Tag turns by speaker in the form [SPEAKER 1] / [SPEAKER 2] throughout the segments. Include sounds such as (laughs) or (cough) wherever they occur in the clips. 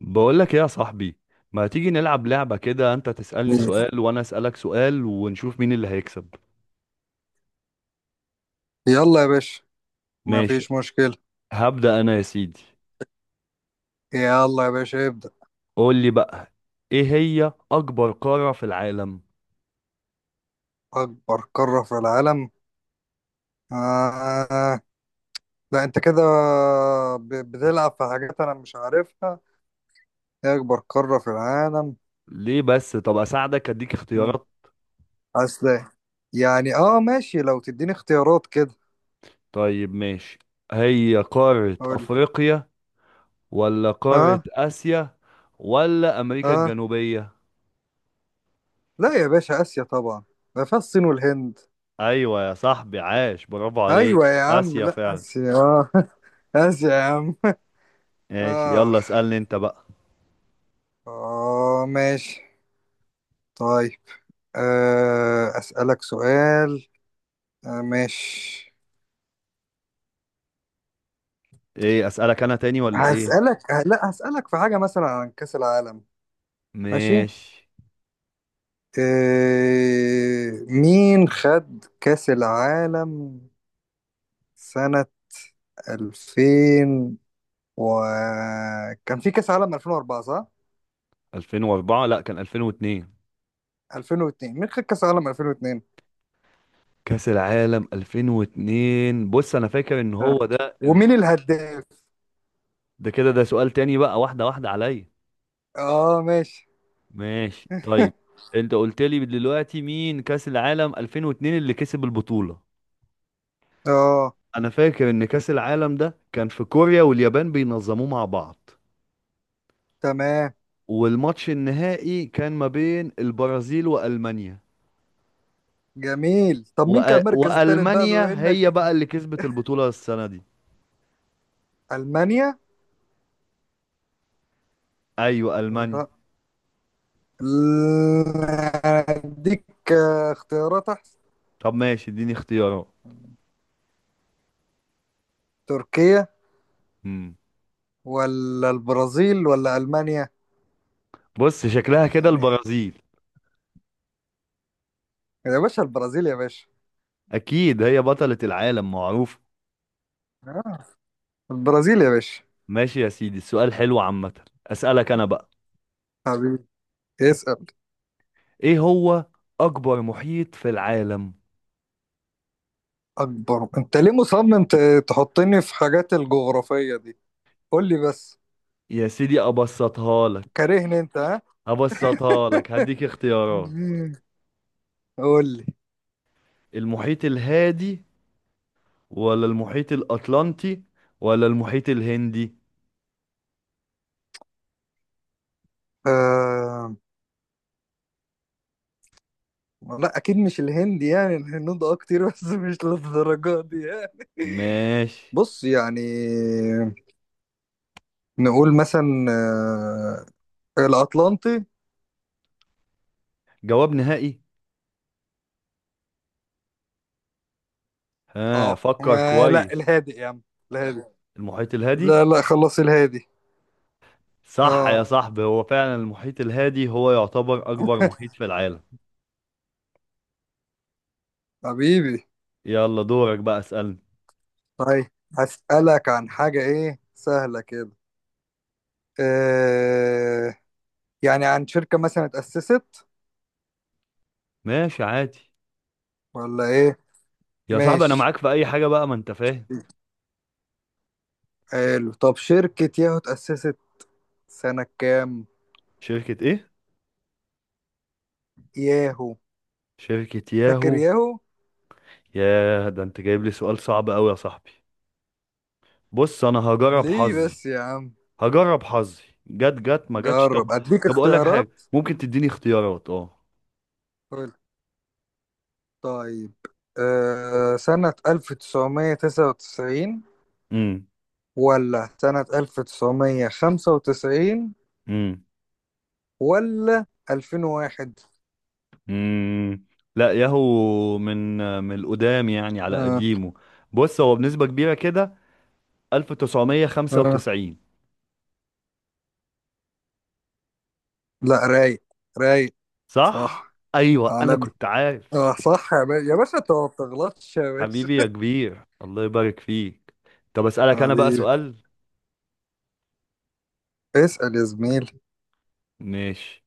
[SPEAKER 1] بقول لك ايه يا صاحبي؟ ما تيجي نلعب لعبة كده، انت تسألني
[SPEAKER 2] مم.
[SPEAKER 1] سؤال وانا أسألك سؤال ونشوف مين اللي هيكسب.
[SPEAKER 2] يلا يا باشا،
[SPEAKER 1] ماشي.
[SPEAKER 2] مفيش مشكلة.
[SPEAKER 1] هبدأ انا يا سيدي.
[SPEAKER 2] يلا يا باشا ابدأ.
[SPEAKER 1] قول لي بقى، ايه هي اكبر قارة في العالم؟
[SPEAKER 2] أكبر قارة في العالم؟ آه. لا أنت كده بتلعب في حاجات أنا مش عارفها. إيه أكبر قارة في العالم؟
[SPEAKER 1] ليه بس؟ طب اساعدك، اديك
[SPEAKER 2] مم.
[SPEAKER 1] اختيارات.
[SPEAKER 2] أصل يعني ماشي، لو تديني اختيارات كده
[SPEAKER 1] طيب ماشي. هي قارة
[SPEAKER 2] أقول.
[SPEAKER 1] افريقيا ولا قارة
[SPEAKER 2] أه
[SPEAKER 1] اسيا ولا امريكا
[SPEAKER 2] أه
[SPEAKER 1] الجنوبية؟
[SPEAKER 2] لا يا باشا، آسيا طبعا، ده فيها الصين والهند.
[SPEAKER 1] ايوه يا صاحبي، عاش، برافو
[SPEAKER 2] أيوة
[SPEAKER 1] عليك،
[SPEAKER 2] يا عم،
[SPEAKER 1] اسيا
[SPEAKER 2] لا
[SPEAKER 1] فعلا.
[SPEAKER 2] آسيا (laughs) آسيا يا عم.
[SPEAKER 1] ماشي،
[SPEAKER 2] آه
[SPEAKER 1] يلا اسألني انت بقى.
[SPEAKER 2] ماشي، طيب. أسألك سؤال. ماشي.
[SPEAKER 1] ايه، اسألك انا تاني ولا ايه؟
[SPEAKER 2] هسألك، لا هسألك في حاجة مثلا عن كأس العالم. ماشي.
[SPEAKER 1] ماشي.
[SPEAKER 2] مين خد كأس العالم سنة 2000 و... كان في كأس عالم 2004 صح؟
[SPEAKER 1] 2004؟ لا كان 2002.
[SPEAKER 2] 2002؟ مين خد كأس العالم 2002؟
[SPEAKER 1] كأس العالم 2002، بص انا فاكر ان
[SPEAKER 2] آه.
[SPEAKER 1] هو ده
[SPEAKER 2] ومين الهداف؟
[SPEAKER 1] ده كده، ده سؤال تاني بقى، واحدة واحدة عليا.
[SPEAKER 2] اه ماشي.
[SPEAKER 1] ماشي طيب.
[SPEAKER 2] (laughs)
[SPEAKER 1] انت قلت لي دلوقتي مين كأس العالم 2002 اللي كسب البطولة.
[SPEAKER 2] اه
[SPEAKER 1] انا فاكر ان كأس العالم ده كان في كوريا واليابان بينظموه مع بعض،
[SPEAKER 2] تمام.
[SPEAKER 1] والماتش النهائي كان ما بين البرازيل وألمانيا،
[SPEAKER 2] جميل، طب مين كان المركز الثالث بقى بما
[SPEAKER 1] وألمانيا هي
[SPEAKER 2] انك؟
[SPEAKER 1] بقى اللي كسبت البطولة السنة دي.
[SPEAKER 2] ألمانيا؟
[SPEAKER 1] ايوه ألمانيا.
[SPEAKER 2] لا. اديك اختيارات احسن.
[SPEAKER 1] طب ماشي، اديني اختيارات.
[SPEAKER 2] تركيا
[SPEAKER 1] مم.
[SPEAKER 2] ولا البرازيل ولا المانيا؟
[SPEAKER 1] بص شكلها كده
[SPEAKER 2] يعني
[SPEAKER 1] البرازيل.
[SPEAKER 2] يا باشا البرازيل يا باشا.
[SPEAKER 1] اكيد هي بطلة العالم، معروف.
[SPEAKER 2] آه. البرازيل يا باشا.
[SPEAKER 1] ماشي يا سيدي، السؤال حلو عامة. اسألك انا بقى.
[SPEAKER 2] حبيبي، اسأل.
[SPEAKER 1] ايه هو اكبر محيط في العالم؟
[SPEAKER 2] اكبر؟ انت ليه مصمم تحطني في حاجات الجغرافية دي؟ قول لي بس.
[SPEAKER 1] يا سيدي ابسطها لك.
[SPEAKER 2] كارهني انت ها؟
[SPEAKER 1] ابسطها لك، هديك اختيارات.
[SPEAKER 2] (laughs) قول لي.
[SPEAKER 1] المحيط الهادي ولا المحيط الاطلنطي ولا المحيط الهندي؟
[SPEAKER 2] آه... لا اكيد مش الهند، يعني الهنود اه كتير بس مش للدرجة دي يعني. (laughs)
[SPEAKER 1] ماشي.
[SPEAKER 2] بص يعني، نقول مثلا الأطلنطي.
[SPEAKER 1] جواب نهائي؟ ها،
[SPEAKER 2] اه
[SPEAKER 1] فكر
[SPEAKER 2] ما لا
[SPEAKER 1] كويس.
[SPEAKER 2] الهادي يا عم، الهادي.
[SPEAKER 1] المحيط الهادي.
[SPEAKER 2] لا لا، خلص الهادي.
[SPEAKER 1] صح يا
[SPEAKER 2] اه.
[SPEAKER 1] صاحبي، هو فعلا المحيط الهادي هو يعتبر أكبر محيط
[SPEAKER 2] (laughs)
[SPEAKER 1] في العالم.
[SPEAKER 2] حبيبي.
[SPEAKER 1] يلا دورك بقى، اسألني.
[SPEAKER 2] طيب هسألك عن حاجة ايه سهلة كده. آه يعني عن شركة مثلا اتأسست
[SPEAKER 1] ماشي عادي.
[SPEAKER 2] ولا ايه.
[SPEAKER 1] يا صاحبي أنا
[SPEAKER 2] ماشي.
[SPEAKER 1] معاك في أي حاجة بقى، ما أنت فاهم.
[SPEAKER 2] حلو، طب شركة ياهو اتأسست سنة كام؟
[SPEAKER 1] شركة إيه؟
[SPEAKER 2] ياهو.
[SPEAKER 1] شركة
[SPEAKER 2] فاكر
[SPEAKER 1] ياهو.
[SPEAKER 2] ياهو.
[SPEAKER 1] ياه، ده أنت جايب لي سؤال صعب أوي يا صاحبي. بص أنا هجرب
[SPEAKER 2] ليه
[SPEAKER 1] حظي.
[SPEAKER 2] بس يا عم.
[SPEAKER 1] هجرب حظي، جت جت، ما جتش طب.
[SPEAKER 2] جرب، اديك
[SPEAKER 1] طب أقول لك حاجة،
[SPEAKER 2] اختيارات.
[SPEAKER 1] ممكن تديني اختيارات، أه.
[SPEAKER 2] طيب، سنة 1999
[SPEAKER 1] أمم.
[SPEAKER 2] ولا سنة 1995
[SPEAKER 1] أمم.
[SPEAKER 2] ولا 2001؟
[SPEAKER 1] أمم. لا، ياهو من القدام يعني، على
[SPEAKER 2] أه
[SPEAKER 1] قديمه. بص هو بنسبة كبيرة كده،
[SPEAKER 2] أه
[SPEAKER 1] 1995.
[SPEAKER 2] لا، رايق رايق.
[SPEAKER 1] صح،
[SPEAKER 2] صح.
[SPEAKER 1] ايوه انا
[SPEAKER 2] عالمي.
[SPEAKER 1] كنت عارف.
[SPEAKER 2] اه صح يا باشا، يا باشا انت ما بتغلطش يا باشا.
[SPEAKER 1] حبيبي يا
[SPEAKER 2] (laughs)
[SPEAKER 1] كبير، الله يبارك فيك. طب اسالك انا بقى
[SPEAKER 2] حبيبي،
[SPEAKER 1] سؤال.
[SPEAKER 2] اسأل يا زميلي.
[SPEAKER 1] ماشي.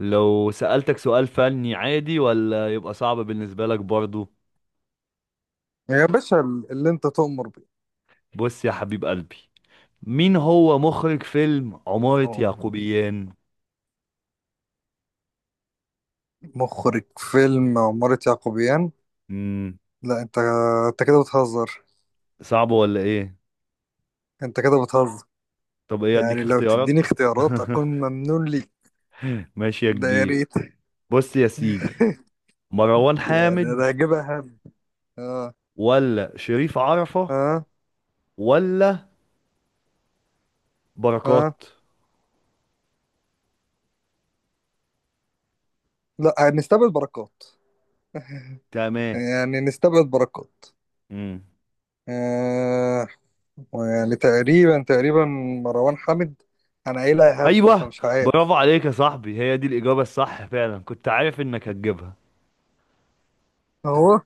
[SPEAKER 1] لو سالتك سؤال فني عادي ولا يبقى صعب بالنسبه لك برضو؟
[SPEAKER 2] يا باشا اللي انت تؤمر بيه.
[SPEAKER 1] بص يا حبيب قلبي، مين هو مخرج فيلم عمارة
[SPEAKER 2] هو
[SPEAKER 1] يعقوبيان؟
[SPEAKER 2] مخرج فيلم عمارة يعقوبيان؟
[SPEAKER 1] امم.
[SPEAKER 2] لا انت، انت كده بتهزر.
[SPEAKER 1] صعب ولا ايه؟
[SPEAKER 2] انت كده بتهزر.
[SPEAKER 1] طب ايه، اديك
[SPEAKER 2] يعني لو
[SPEAKER 1] اختيارات.
[SPEAKER 2] تديني اختيارات اكون
[SPEAKER 1] (laughs)
[SPEAKER 2] ممنون ليك.
[SPEAKER 1] ماشي يا
[SPEAKER 2] ده يا
[SPEAKER 1] كبير.
[SPEAKER 2] ريت.
[SPEAKER 1] بص يا سيدي،
[SPEAKER 2] (laughs)
[SPEAKER 1] مروان
[SPEAKER 2] يعني
[SPEAKER 1] حامد
[SPEAKER 2] انا هجيبها هم. اه
[SPEAKER 1] ولا شريف عرفة
[SPEAKER 2] اه
[SPEAKER 1] ولا بركات؟
[SPEAKER 2] اه لا هنستبعد بركات. (laughs)
[SPEAKER 1] تمام.
[SPEAKER 2] يعني نستبعد بركات.
[SPEAKER 1] امم.
[SPEAKER 2] آه يعني تقريبا مروان حامد. انا قايلها هبد
[SPEAKER 1] ايوه،
[SPEAKER 2] فمش عارف.
[SPEAKER 1] برافو عليك يا صاحبي، هي دي الاجابه الصح فعلا، كنت عارف انك هتجيبها.
[SPEAKER 2] اهو.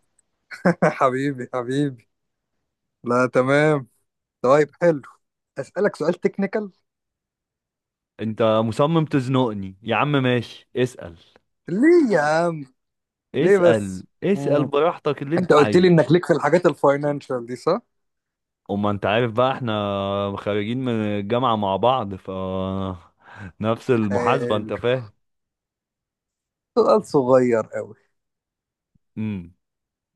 [SPEAKER 2] (laughs) حبيبي حبيبي. لا تمام. طيب حلو، اسالك سؤال تكنيكال.
[SPEAKER 1] انت مصمم تزنقني يا عم، ماشي اسال.
[SPEAKER 2] ليه يا عم؟ ليه
[SPEAKER 1] اسال
[SPEAKER 2] بس؟
[SPEAKER 1] اسال
[SPEAKER 2] مم.
[SPEAKER 1] براحتك اللي انت
[SPEAKER 2] انت قلت لي
[SPEAKER 1] عايزه.
[SPEAKER 2] انك ليك في الحاجات الفاينانشال دي صح؟
[SPEAKER 1] اما انت عارف بقى، احنا خارجين من الجامعه مع بعض، ف نفس المحاسبه، انت
[SPEAKER 2] حلو،
[SPEAKER 1] فاهم.
[SPEAKER 2] سؤال صغير قوي.
[SPEAKER 1] امم.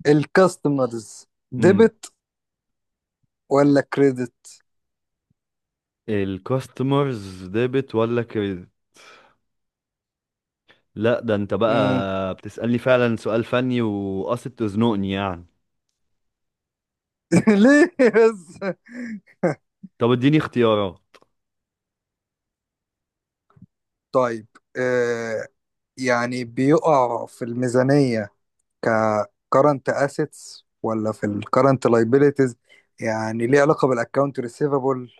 [SPEAKER 2] الكاستمرز
[SPEAKER 1] امم.
[SPEAKER 2] ديبت ولا كريدت؟
[SPEAKER 1] الكاستمرز ديبت ولا كريدت؟ لا، ده انت
[SPEAKER 2] امم.
[SPEAKER 1] بقى بتسالني فعلا سؤال فني وقاصد تزنقني يعني.
[SPEAKER 2] (laughs) ليه بس؟
[SPEAKER 1] طب اديني اختيارات.
[SPEAKER 2] طيب، آه يعني بيقع في الميزانية ك current assets ولا في ال current liabilities؟ يعني ليه علاقة بالاكونت receivable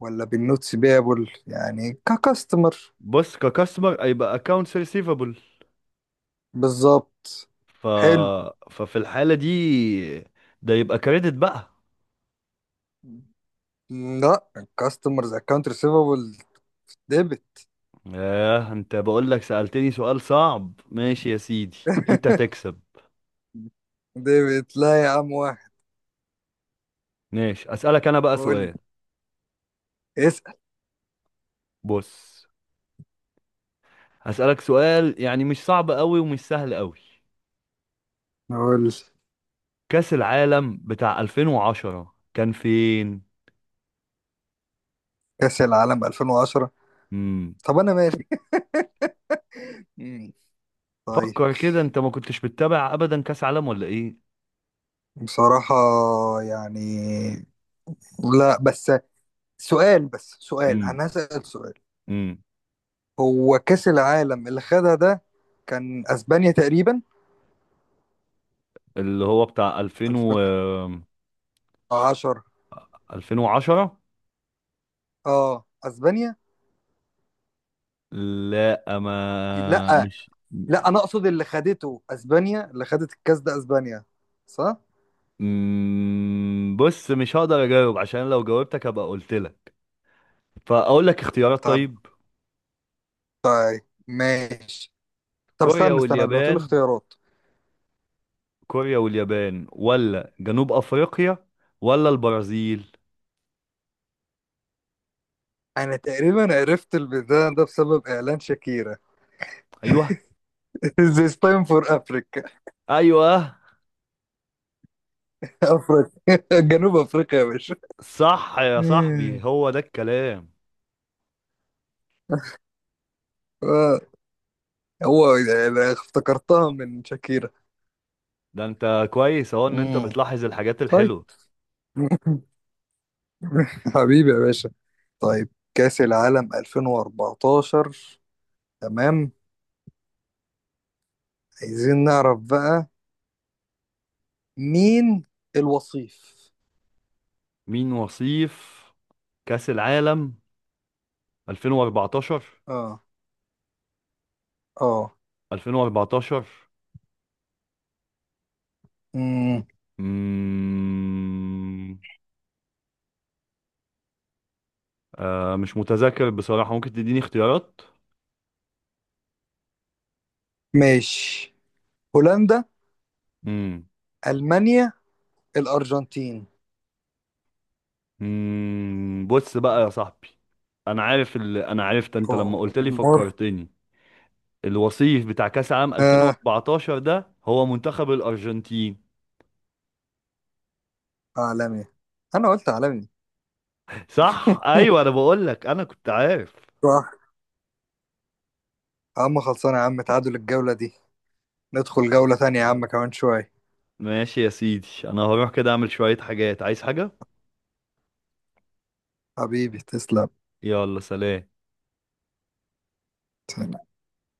[SPEAKER 2] ولا بالنوتس بيبل يعني ككاستمر؟
[SPEAKER 1] بص، ككاستمر هيبقى اكونتس ريسيفبل.
[SPEAKER 2] بالظبط.
[SPEAKER 1] ف...
[SPEAKER 2] حلو.
[SPEAKER 1] ففي الحالة دي، ده يبقى كريدت بقى.
[SPEAKER 2] لا الكاستمرز اكونت receivable ديبت.
[SPEAKER 1] ياه، انت بقول لك سألتني سؤال صعب، ماشي يا سيدي، انت
[SPEAKER 2] (laughs)
[SPEAKER 1] تكسب.
[SPEAKER 2] ديفيد لا يا عم واحد.
[SPEAKER 1] ماشي، اسألك انا بقى
[SPEAKER 2] قول لي،
[SPEAKER 1] سؤال.
[SPEAKER 2] اسأل.
[SPEAKER 1] بص هسألك سؤال يعني مش صعب قوي ومش سهل قوي.
[SPEAKER 2] اقول
[SPEAKER 1] كأس العالم بتاع 2010 كان فين؟
[SPEAKER 2] كأس العالم 2010؟
[SPEAKER 1] امم.
[SPEAKER 2] طب أنا مالي. (laughs) مم. طيب.
[SPEAKER 1] فكر كده، انت ما كنتش بتتابع ابدا كأس عالم ولا ايه؟
[SPEAKER 2] بصراحة يعني، لا بس سؤال،
[SPEAKER 1] امم.
[SPEAKER 2] أنا هسأل سؤال.
[SPEAKER 1] امم.
[SPEAKER 2] هو كأس العالم اللي خدها ده كان أسبانيا تقريبا.
[SPEAKER 1] اللي هو بتاع 2000 و
[SPEAKER 2] 2010.
[SPEAKER 1] 2010.
[SPEAKER 2] اه أسبانيا.
[SPEAKER 1] لا ما
[SPEAKER 2] لا
[SPEAKER 1] مش.
[SPEAKER 2] لا، أنا أقصد اللي خدته أسبانيا، اللي خدت الكأس ده أسبانيا صح؟
[SPEAKER 1] بص مش هقدر اجاوب، عشان لو جاوبتك هبقى قلت لك، فاقول لك اختيارات
[SPEAKER 2] طب
[SPEAKER 1] طيب.
[SPEAKER 2] طيب ماشي. طب
[SPEAKER 1] كوريا
[SPEAKER 2] استنى استنى، لو تقول
[SPEAKER 1] واليابان،
[SPEAKER 2] اختيارات.
[SPEAKER 1] كوريا واليابان ولا جنوب افريقيا ولا البرازيل؟
[SPEAKER 2] انا تقريبا عرفت البتاع ده بسبب اعلان شاكيرا.
[SPEAKER 1] ايوه.
[SPEAKER 2] (laughs) This time for Africa.
[SPEAKER 1] ايوه،
[SPEAKER 2] (laughs) افريقيا (laughs) جنوب افريقيا يا باشا.
[SPEAKER 1] صح
[SPEAKER 2] (laughs)
[SPEAKER 1] يا صاحبي،
[SPEAKER 2] مم.
[SPEAKER 1] هو ده الكلام.
[SPEAKER 2] آه، هو يعني افتكرتها من شاكيرا.
[SPEAKER 1] ده انت كويس اهو، ان انت
[SPEAKER 2] مم.
[SPEAKER 1] بتلاحظ الحاجات
[SPEAKER 2] طيب.
[SPEAKER 1] الحلوة.
[SPEAKER 2] (laughs) حبيبي يا باشا. طيب، كأس العالم 2014، تمام، عايزين نعرف بقى مين الوصيف.
[SPEAKER 1] مين وصيف كأس العالم 2014؟
[SPEAKER 2] اه اه
[SPEAKER 1] 2014.
[SPEAKER 2] مم.
[SPEAKER 1] مم... آه مش متذكر بصراحة، ممكن تديني اختيارات.
[SPEAKER 2] ماشي. هولندا،
[SPEAKER 1] مم.
[SPEAKER 2] ألمانيا، الأرجنتين؟
[SPEAKER 1] مم. بص بقى يا صاحبي، انا عارف انا عرفت انت لما قلت لي،
[SPEAKER 2] جمهور.
[SPEAKER 1] فكرتني. الوصيف بتاع كاس عام
[SPEAKER 2] آه
[SPEAKER 1] 2014 ده هو منتخب الارجنتين.
[SPEAKER 2] عالمي. أنا قلت عالمي.
[SPEAKER 1] (laughs) صح، ايوه انا
[SPEAKER 2] (laughs)
[SPEAKER 1] بقول لك انا كنت عارف.
[SPEAKER 2] صح. يا عم خلصانة يا عم، تعادل الجولة دي. ندخل جولة تانية يا عم كمان شوية.
[SPEAKER 1] ماشي يا سيدي، انا هروح كده اعمل شوية حاجات، عايز حاجة.
[SPEAKER 2] حبيبي تسلم.
[SPEAKER 1] يلا سلام.